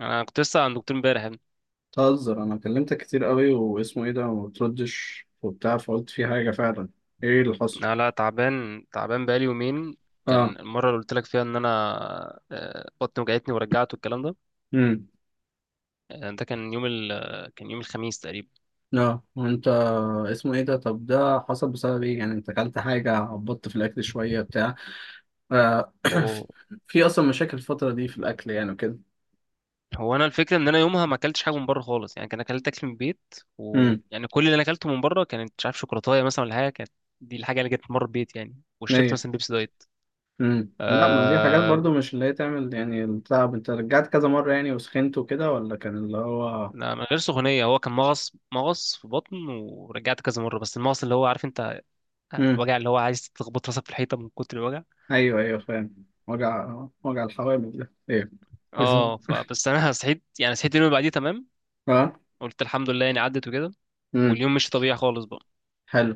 انا كنت لسه عند دكتور امبارح يا ابني. تهزر، انا كلمتك كتير قوي واسمه ايه ده وما بتردش وبتاع، فقلت في حاجه فعلا. ايه اللي حصل؟ انا لا تعبان تعبان بقالي يومين. كان اه. المره اللي قلت لك فيها ان انا بطني وجعتني ورجعت والكلام ده. امم. كان يوم الخميس تقريبا. اه، وانت اسمه ايه ده؟ طب ده حصل بسبب ايه يعني؟ انت اكلت حاجه؟ عبطت في الاكل شويه بتاع آه. هو في اصلا مشاكل الفتره دي في الاكل يعني وكده؟ هو انا الفكره ان انا يومها ما اكلتش حاجه من بره خالص يعني كان اكلت اكل من البيت، امم ويعني كل اللي انا اكلته من بره كانت مش عارف شوكولاته مثلا ولا حاجه، كانت دي الحاجه اللي جت من بره البيت يعني. وشربت ليه؟ مثلا بيبسي دايت. امم. لا، ما دي حاجات آه... برضو مش اللي هي تعمل يعني التعب. انت رجعت كذا مره يعني وسخنت وكده، ولا كان اللي هو؟ لا، من غير سخونيه، هو كان مغص مغص في بطن ورجعت كذا مره، بس المغص اللي هو عارف انت امم. الوجع اللي هو عايز تخبط راسك في الحيطه من كتر الوجع. ايوه ايوه، فاهم. وجع وجع الحوامل ده ايه؟ اسمه اه، فبس انا صحيت يعني صحيت اليوم اللي بعديه تمام. اه. قلت الحمد لله يعني عدت وكده. امم. واليوم مش طبيعي خالص بقى. حلو.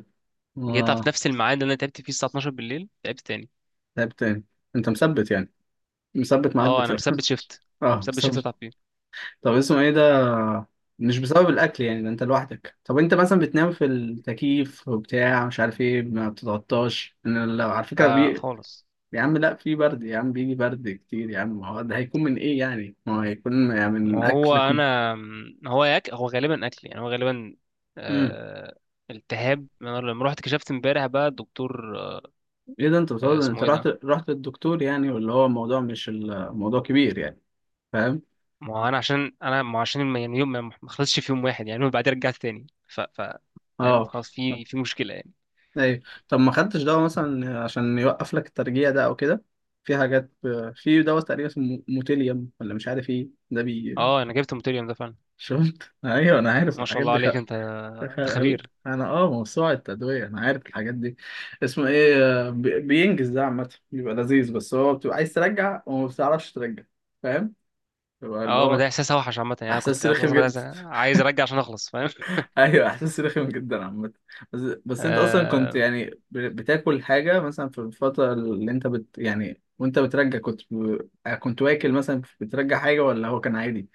جيت في آه. نفس الميعاد اللي انا تعبت فيه الساعه 12 بالليل، تعبت تاني. لعب تاني. انت مثبت يعني؟ مثبت ميعاد اه، انا بتاعك؟ مثبت شيفت، اه، مثبت شيفت مثبت. اتعب فيه. طب اسمه ايه ده، مش بسبب الاكل يعني، ده انت لوحدك. طب انت مثلا بتنام في التكييف وبتاع مش عارف ايه، ما بتتغطاش؟ انا لو على فكره آه خالص. يا عم، لا، في برد يا عم، بيجي برد كتير يا عم، ما هو ده هيكون من ايه يعني، ما هو هيكون يعني ما من هو اكل كله. انا، ما هو ياك هو غالبا اكل يعني هو غالبا امم. آه... التهاب. انا لما رحت كشفت امبارح بقى الدكتور، ايه ده، انت آه، بتقول انت اسمه ايه رحت ده. رحت للدكتور يعني، ولا هو الموضوع مش الموضوع كبير يعني؟ فاهم. ما هو انا عشان انا ما هو عشان يعني يوم ما خلصش في يوم واحد يعني، وبعدين رجعت تاني ف فاهم اه. خلاص في مشكله يعني. ايوه. طب ما خدتش دواء مثلا عشان يوقف لك الترجيع ده او كده؟ في حاجات، في دواء تقريبا اسمه موتيليوم ولا مش عارف ايه ده بي. اه، انا جبت الماتيريال ده فعلا. شفت، ايوه، انا عارف ما شاء الحاجات الله دي عليك انت، خ... انت خبير. انا اه، موسوعة التدوية، انا عارف الحاجات دي. اسمه ايه؟ آه، بينجز ده عامة بيبقى لذيذ، بس هو بتبقى عايز ترجع وما بتعرفش ترجع، فاهم، بيبقى اللي اه، ما ده هو احساس اوحش عامه يعني. انا كنت احساس اصلا رخم كنت عايز جدا. عايز ارجع عشان اخلص فاهم. ايوه، احساس رخم جدا عامه. بس. بس انت اصلا كنت آه يعني بتاكل حاجه مثلا في الفتره اللي انت بت يعني، وانت بترجع كنت ب... آه، كنت واكل مثلا بترجع حاجه، ولا هو كان عادي؟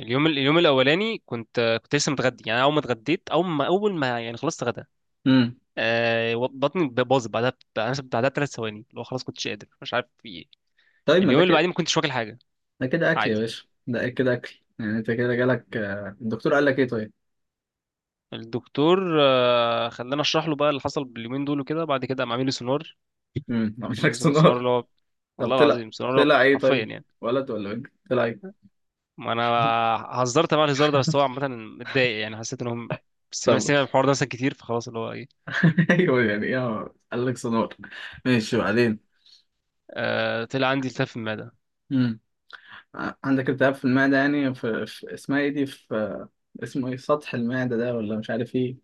اليوم الاولاني كنت لسه متغدي يعني، اول ما اتغديت، اول ما اول ما يعني خلصت غدا. امم. بطني باظت بعدها، ب3 ثواني اللي هو خلاص كنتش قادر مش عارف في ايه. طيب، ما اليوم ده اللي كده، بعديه ما كنتش واكل حاجه. ده كده اكل يا باشا، ده كده اكل يعني. انت كده جالك آه، الدكتور قال لك ايه طيب؟ الدكتور، خلاني اشرح له بقى اللي حصل باليومين دول وكده، بعد كده قام عامل لي سونار. امم. عمل لك سونار؟ اللي هو طب والله طلع؟ العظيم سونار اللي هو طلع ايه حرفيا طيب؟ يعني. ولد ولا بنت طلع ايه؟ ما انا هزرت مع الهزار ده، بس هو عامه متضايق يعني حسيت انهم سمع طب سمع الحوار ده مثلا كتير فخلاص اللي هو ايه. ايوه يعني، ايه قال لك سونار؟ ماشي، وبعدين؟ آه، طلع عندي التهاب في المعده عندك التهاب في المعدة يعني؟ في، في اسمها ايه دي، في اسمه ايه سطح المعدة ده، ولا مش عارف ايه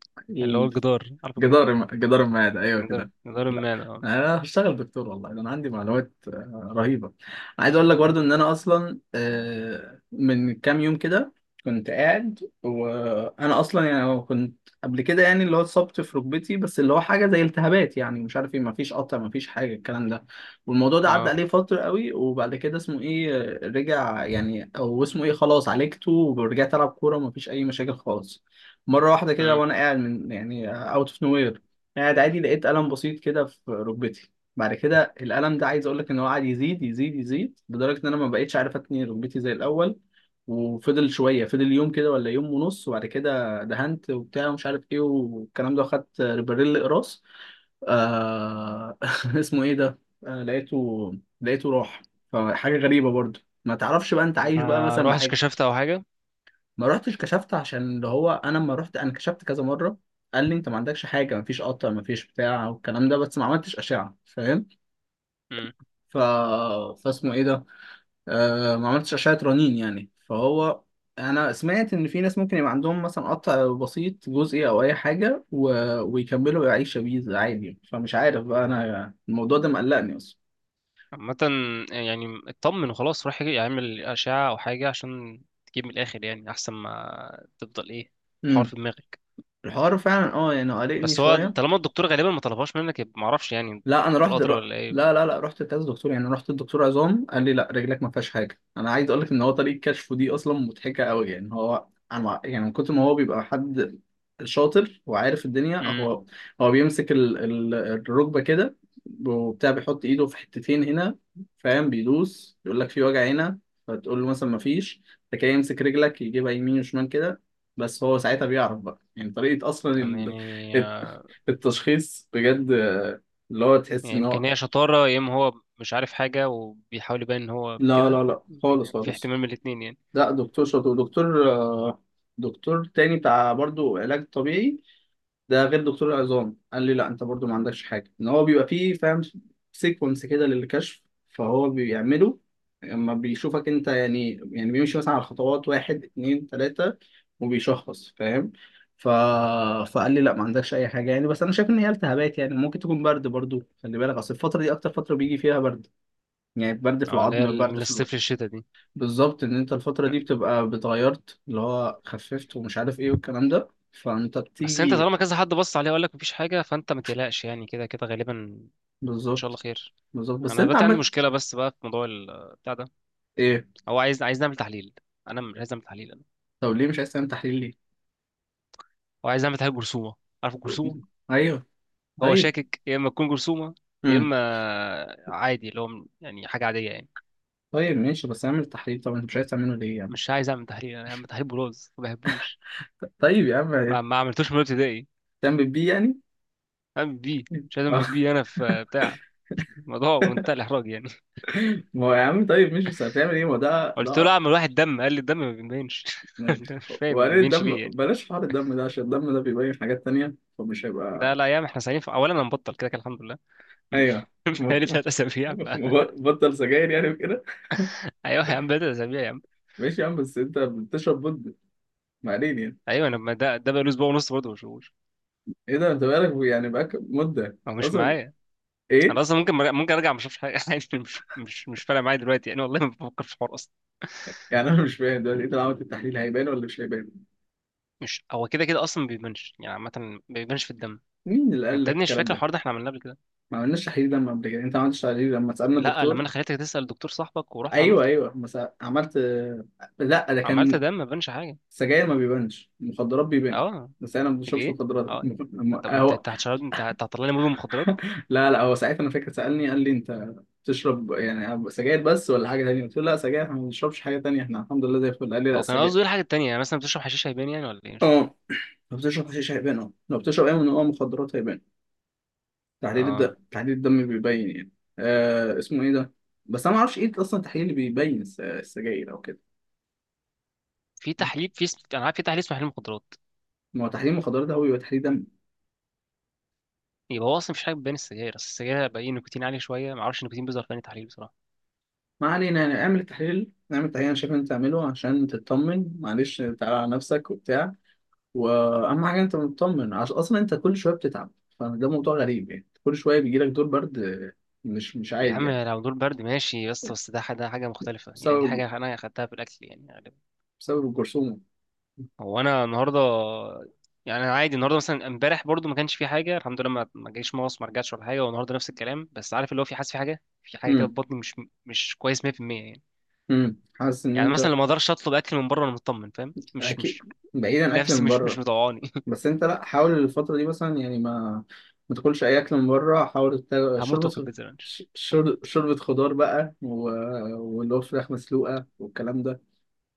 اللي هو ايه؟ الجدار، عارف الجدار، جدار جدار المعادة، أيوه جدار كده. جدار لا، المعده. اه. أنا هشتغل دكتور والله، ده أنا عندي معلومات آه، رهيبة. عايز أقول لك اه. برضه إن أنا أصلا آه، من كام يوم كده كنت قاعد، وأنا أصلا يعني كنت قبل كده يعني اللي هو اتصبت في ركبتي، بس اللي هو حاجة زي التهابات يعني مش عارف إيه، مفيش قطع، مفيش حاجة الكلام ده. والموضوع ده عدى آه. عليه فترة قوي، وبعد كده اسمه إيه، آه، رجع يعني. أو اسمه إيه، خلاص، عالجته ورجعت ألعب كورة ومفيش أي مشاكل خالص. مرة واحدة كده مم. وأنا قاعد، من يعني أوت أوف نو وير، قاعد عادي، لقيت قلم بسيط كده في ركبتي. بعد كده القلم ده عايز أقول لك إن هو قعد يزيد يزيد يزيد لدرجة إن أنا ما بقيتش عارف أتني ركبتي زي الأول. وفضل شوية، فضل يوم كده ولا يوم ونص، وبعد كده دهنت وبتاع ومش عارف إيه والكلام ده، وخدت ريبريل قراص. آه... اسمه إيه ده؟ آه... لقيته. لقيته راح. فحاجة غريبة برضه، ما تعرفش بقى أنت عايش بقى ما مثلا روحتش بحاجة. كشفت او حاجه. ما رحتش كشفت عشان اللي هو انا لما رحت انا كشفت كذا مره، قال لي انت ما عندكش حاجه، ما فيش قطع، ما فيش بتاع والكلام ده، بس ما عملتش اشعه، فاهم. ف. فاسمه ايه ده، آه، ما عملتش اشعه رنين يعني، فهو. انا سمعت ان في ناس ممكن يبقى عندهم مثلا قطع بسيط جزئي او اي حاجه و... ويكملوا يعيشوا بيه عادي يعني. فمش عارف بقى، انا الموضوع ده مقلقني اصلا. عامة يعني اطمن وخلاص روح يعمل أشعة أو حاجة عشان تجيب من الآخر يعني، أحسن ما تفضل إيه حوار امم. في دماغك. الحوار فعلا اه يعني قلقني بس هو شويه. طالما الدكتور غالبا ما طلبهاش منك يبقى معرفش يعني، لا، انا الدكتور رحت أدرى الر- ولا إيه. لا لا لا، رحت كذا دكتور يعني. رحت الدكتور عظام قال لي لا، رجلك ما فيهاش حاجه. انا عايز اقول لك ان هو طريقه كشفه دي اصلا مضحكه قوي يعني، هو انا يعني من كتر ما هو بيبقى حد شاطر وعارف الدنيا، امم هو، هو بيمسك الركبه كده وبتاع، بيحط ايده في حتتين هنا، فاهم، بيدوس يقول لك في وجع هنا، فتقول له مثلا ما فيش. تكاي يمسك رجلك يجيبها يمين وشمال كده. بس هو ساعتها بيعرف بقى يعني. طريقه اصلا يعني الت- التشخيص بجد، اللي هو تحس يعني ان هو. يمكن هي شطارة يا إما هو مش عارف حاجة وبيحاول يبان إن هو لا كده، لا لا، خالص في خالص. احتمال من الاتنين يعني. لا، دكتور شاطر ودكتور آه، دكتور تاني بتاع برضو علاج طبيعي، ده غير دكتور العظام قال لي لا انت برضو ما عندكش حاجه. ان هو بيبقى فيه، فاهم، سيكونس كده للكشف، فهو بيعمله لما بيشوفك انت يعني. يعني بيمشي مثلا على خطوات، واحد اتنين تلاته، وبيشخص، فاهم. ف... فقال لي لا ما عندكش اي حاجه يعني، بس انا شايف ان هي التهابات يعني، ممكن تكون برد برضو. خلي بالك، اصل الفتره دي اكتر فتره بيجي فيها برد يعني. برد في اه، اللي هي العظم، برد من في الوقت. الصيف للشتا دي. بالظبط، ان انت الفترة دي بتبقى بتغيرت اللي هو خففت ومش عارف ايه والكلام ده، فانت بس انت بتيجي. طالما كذا حد بص عليه وقال لك مفيش حاجة فانت ما تقلقش يعني، كده كده غالبا ان شاء الله بالظبط، خير. بالظبط، بس انا انت دلوقتي عندي عمال مشكله بس بقى في موضوع بتاع ده. ايه؟ هو عايز نعمل تحليل. انا مش عايز اعمل تحليل. انا طب ليه مش عايز تعمل تحليل ليه؟ هو عايز نعمل تحليل جرثومه، عارف الجرثومه. ايوه. هو طيب. شاكك يا اما تكون جرثومه يا امم. اما عادي اللي هو يعني حاجه عاديه يعني. طيب ماشي، بس اعمل تحليل. طب انت مش عايز تعمله ليه يعني؟ مش عايز اعمل تحليل. انا اعمل تحليل بروز ما بحبوش. طيب يا عم. ما عملتوش من ابتدائي. تعمل بيه يعني؟ اعمل بيه، مش عايز اعمل آه، بيه. انا في بتاع، الموضوع منتهى الاحراج يعني. ما هو يا عم طيب مش بس هتعمل ايه ما ده قلت له ده. اعمل واحد دم، قال لي الدم ما بيبينش. ده مش فاهم ما وبعدين بيبينش الدم ليه يعني. بلاش حوار الدم ده، عشان الدم ده بيبين حاجات تانية، فمش ده هيبقى. لا يا عم، احنا سعيدين في... اولا انا مبطل كده كده الحمد لله. ايوه. بقالي 3 اسابيع. بطل سجاير يعني وكده؟ ايوه يا عم بدأ اسابيع يا عم. ماشي يا عم، بس انت بتشرب مدة، ما علينا يعني. ايوه انا، ما ده بقاله اسبوع ونص برضه ما بشوفوش. ايه ده، انت بقالك يعني بقالك مدة هو مش اصلا؟ معايا. انا ايه؟ اصلا ممكن مرجع، ممكن ارجع ما اشوفش حاجه. عادي، مش فارقه معايا دلوقتي يعني، والله ما بفكر في الحوار اصلا. يعني انا مش فاهم دلوقتي، انت لو عملت التحليل هيبان ولا مش هيبان؟ مش هو كده كده اصلا ما بيبانش يعني، عامه ما بيبانش في الدم. مين اللي قال انت يا لك ابني مش الكلام فاكر ده؟ الحوار ده احنا عملناه قبل كده. ما عملناش تحليل دم قبل كده، انت ما عملتش تحليل لما سألنا لا، لما الدكتور. انا خليتك تسأل دكتور صاحبك ورحت ايوه عملته. ايوه، ما سأ- عملت. لا، ده عملت كان دم ما بانش حاجه. السجاير ما بيبانش، المخدرات بيبان. اه. بس انا ما بشربش ليه. مخدرات. اه. الم- طب انت، انت هتشرب، انت هتطلع لي مدمن مخدرات. لا لا، هو ساعتها انا فاكر سالني قال لي انت بتشرب يعني سجاير بس ولا حاجه تانية؟ قلت له لا، سجاير، احنا ما بنشربش حاجه تانية، احنا الحمد لله زي الفل. قال لي لا، هو كان السجاير قصده ايه الحاجه التانيه، يعني مثلا بتشرب حشيش هيبان يعني ولا ايه مش فاهم. اه، لو بتشرب حشيش هيبان، اه لو بتشرب اي نوع مخدرات هيبان. تحليل الدم، اه، تحليل الدم بيبين يعني. آه اسمه ايه ده، بس انا ما اعرفش ايه اصلا التحليل اللي بيبين السجاير او كده. في تحليل، في اسم... انا عارف في تحليل اسمه تحليل مخدرات. ما هو تحليل مخدرات ده هو بيبقى تحليل دم. يبقى هو اصلا مفيش حاجه بتبان السجاير، اصل السجاير بقى ايه، نيكوتين عالي شويه، ما اعرفش النيكوتين بيظهر في أنهي تحليل بصراحه. ما علينا يعني، اعمل التحليل، نعمل التحليل. انا شايف ان انت تعمله عشان تطمن، معلش تعالى على نفسك وبتاع. واهم حاجه انت مطمن، عشان اصلا انت كل شويه بتتعب، فده موضوع غريب يعني، كل شويه بيجي لك دور برد آه، مش مش يا عادي عم يعني. لو دول برد ماشي، بس ده حاجه، حاجه مختلفه يعني، دي بسبب، حاجه انا اخدتها في الاكل يعني غالبا. بسبب الجرثومه. هو انا النهارده، يعني انا عادي النهارده مثلا. امبارح برضو ما كانش في حاجه الحمد لله، ما جاليش مغص ما رجعتش ولا حاجه، والنهارده نفس الكلام، بس عارف اللي هو في حاسس في حاجه، كده امم. في بطني، مش كويس 100%. يعني امم، حاسس ان يعني انت مثلا لو ما اقدرش اطلب اكل من بره وانا مطمن فاهم، مش اكيد. مش بعيدا اكل نفسي، من مش بره. مطوعاني. بس انت لا، حاول الفتره دي مثلا يعني ما، ما تاكلش اي اكل من بره، حاول هموت شوربه واكل بيتزا رانش. شوربه خضار بقى واللي هو فراخ مسلوقه والكلام ده.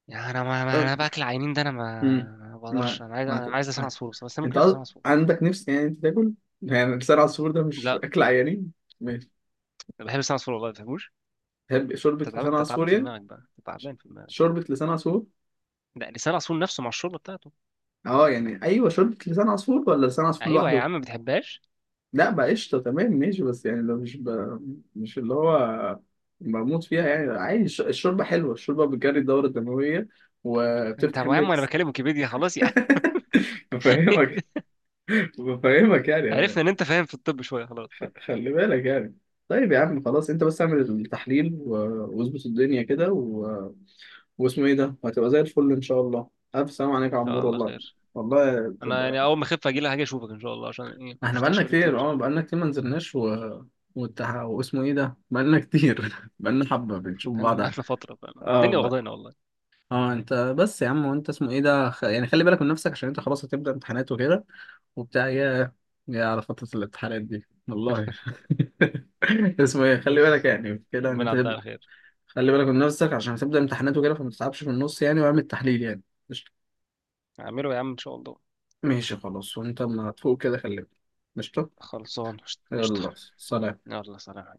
يعني انا، انا باكل عينين ده، انا ما امم. ما بقدرش. ما انا عايز، ما هت- لسان ما عصفور، بس انا ممكن انت اكل لسان قصد- عصفور. عندك نفس يعني انت تاكل يعني لسان عصفور ده؟ مش لا اكل عيانين. ماشي. انا بحب لسان عصفور والله ما بتفهموش. تحب شوربة انت تعبان، لسان انت تعبان عصفور في يعني؟ دماغك بقى، انت تعبان في دماغك. شوربة لسان عصفور. ده لسان عصفور نفسه مع الشوربه بتاعته. اه يعني، ايوه، شوربة لسان عصفور ولا لسان عصفور ايوه يا لوحده؟ عم ما بتحبهاش. لا بقى، قشطة، تمام. ماشي، بس يعني لو مش مش اللي هو بموت فيها يعني، عادي. الشوربة حلوة، الشوربة بتجري الدورة الدموية انت يا وبتفتح عم وانا النفس. بكلم ويكيبيديا خلاص يعني. بفهمك. بفهمك يعني. عرفنا ان انت فاهم في الطب شويه خلاص خلاص. خلي بالك يعني. طيب يا عم، خلاص، انت بس اعمل التحليل واظبط الدنيا كده و... واسمه ايه ده، وهتبقى زي الفل ان شاء الله. الف سلام عليك يا ان شاء عمور الله والله. خير. والله انا تبقى. يعني اول ما اخف اجي لك، هاجي اشوفك ان شاء الله، عشان ايه مش احنا شفتكش بقالنا بقالي كتير، كتير. اه بقالنا كتير، ما نزلناش و... واسمه ايه ده، بقالنا كتير بقالنا حبة بنشوف بقالنا بعض. بقالنا فتره فعلا، اه الدنيا بقى. واخدانا والله. اه، انت بس يا عم، وانت اسمه ايه ده يعني خلي بالك من نفسك، عشان انت خلاص هتبدأ امتحانات وكده وبتاع، يا يا على فترة الامتحانات دي والله. اسمه ايه، خلي بالك يعني كده ان ربنا انت يعديها تبدأ- على خير. خلي بالك من نفسك عشان هتبدأ امتحانات وكده، فما تتعبش في النص يعني، واعمل تحليل يعني. اعمله يا عم ان شاء الله. ماشي خلاص، وانت اما تفوق كده كلمني. قشطة. خلصان. قشطه. يلا سلام. يلا سلام.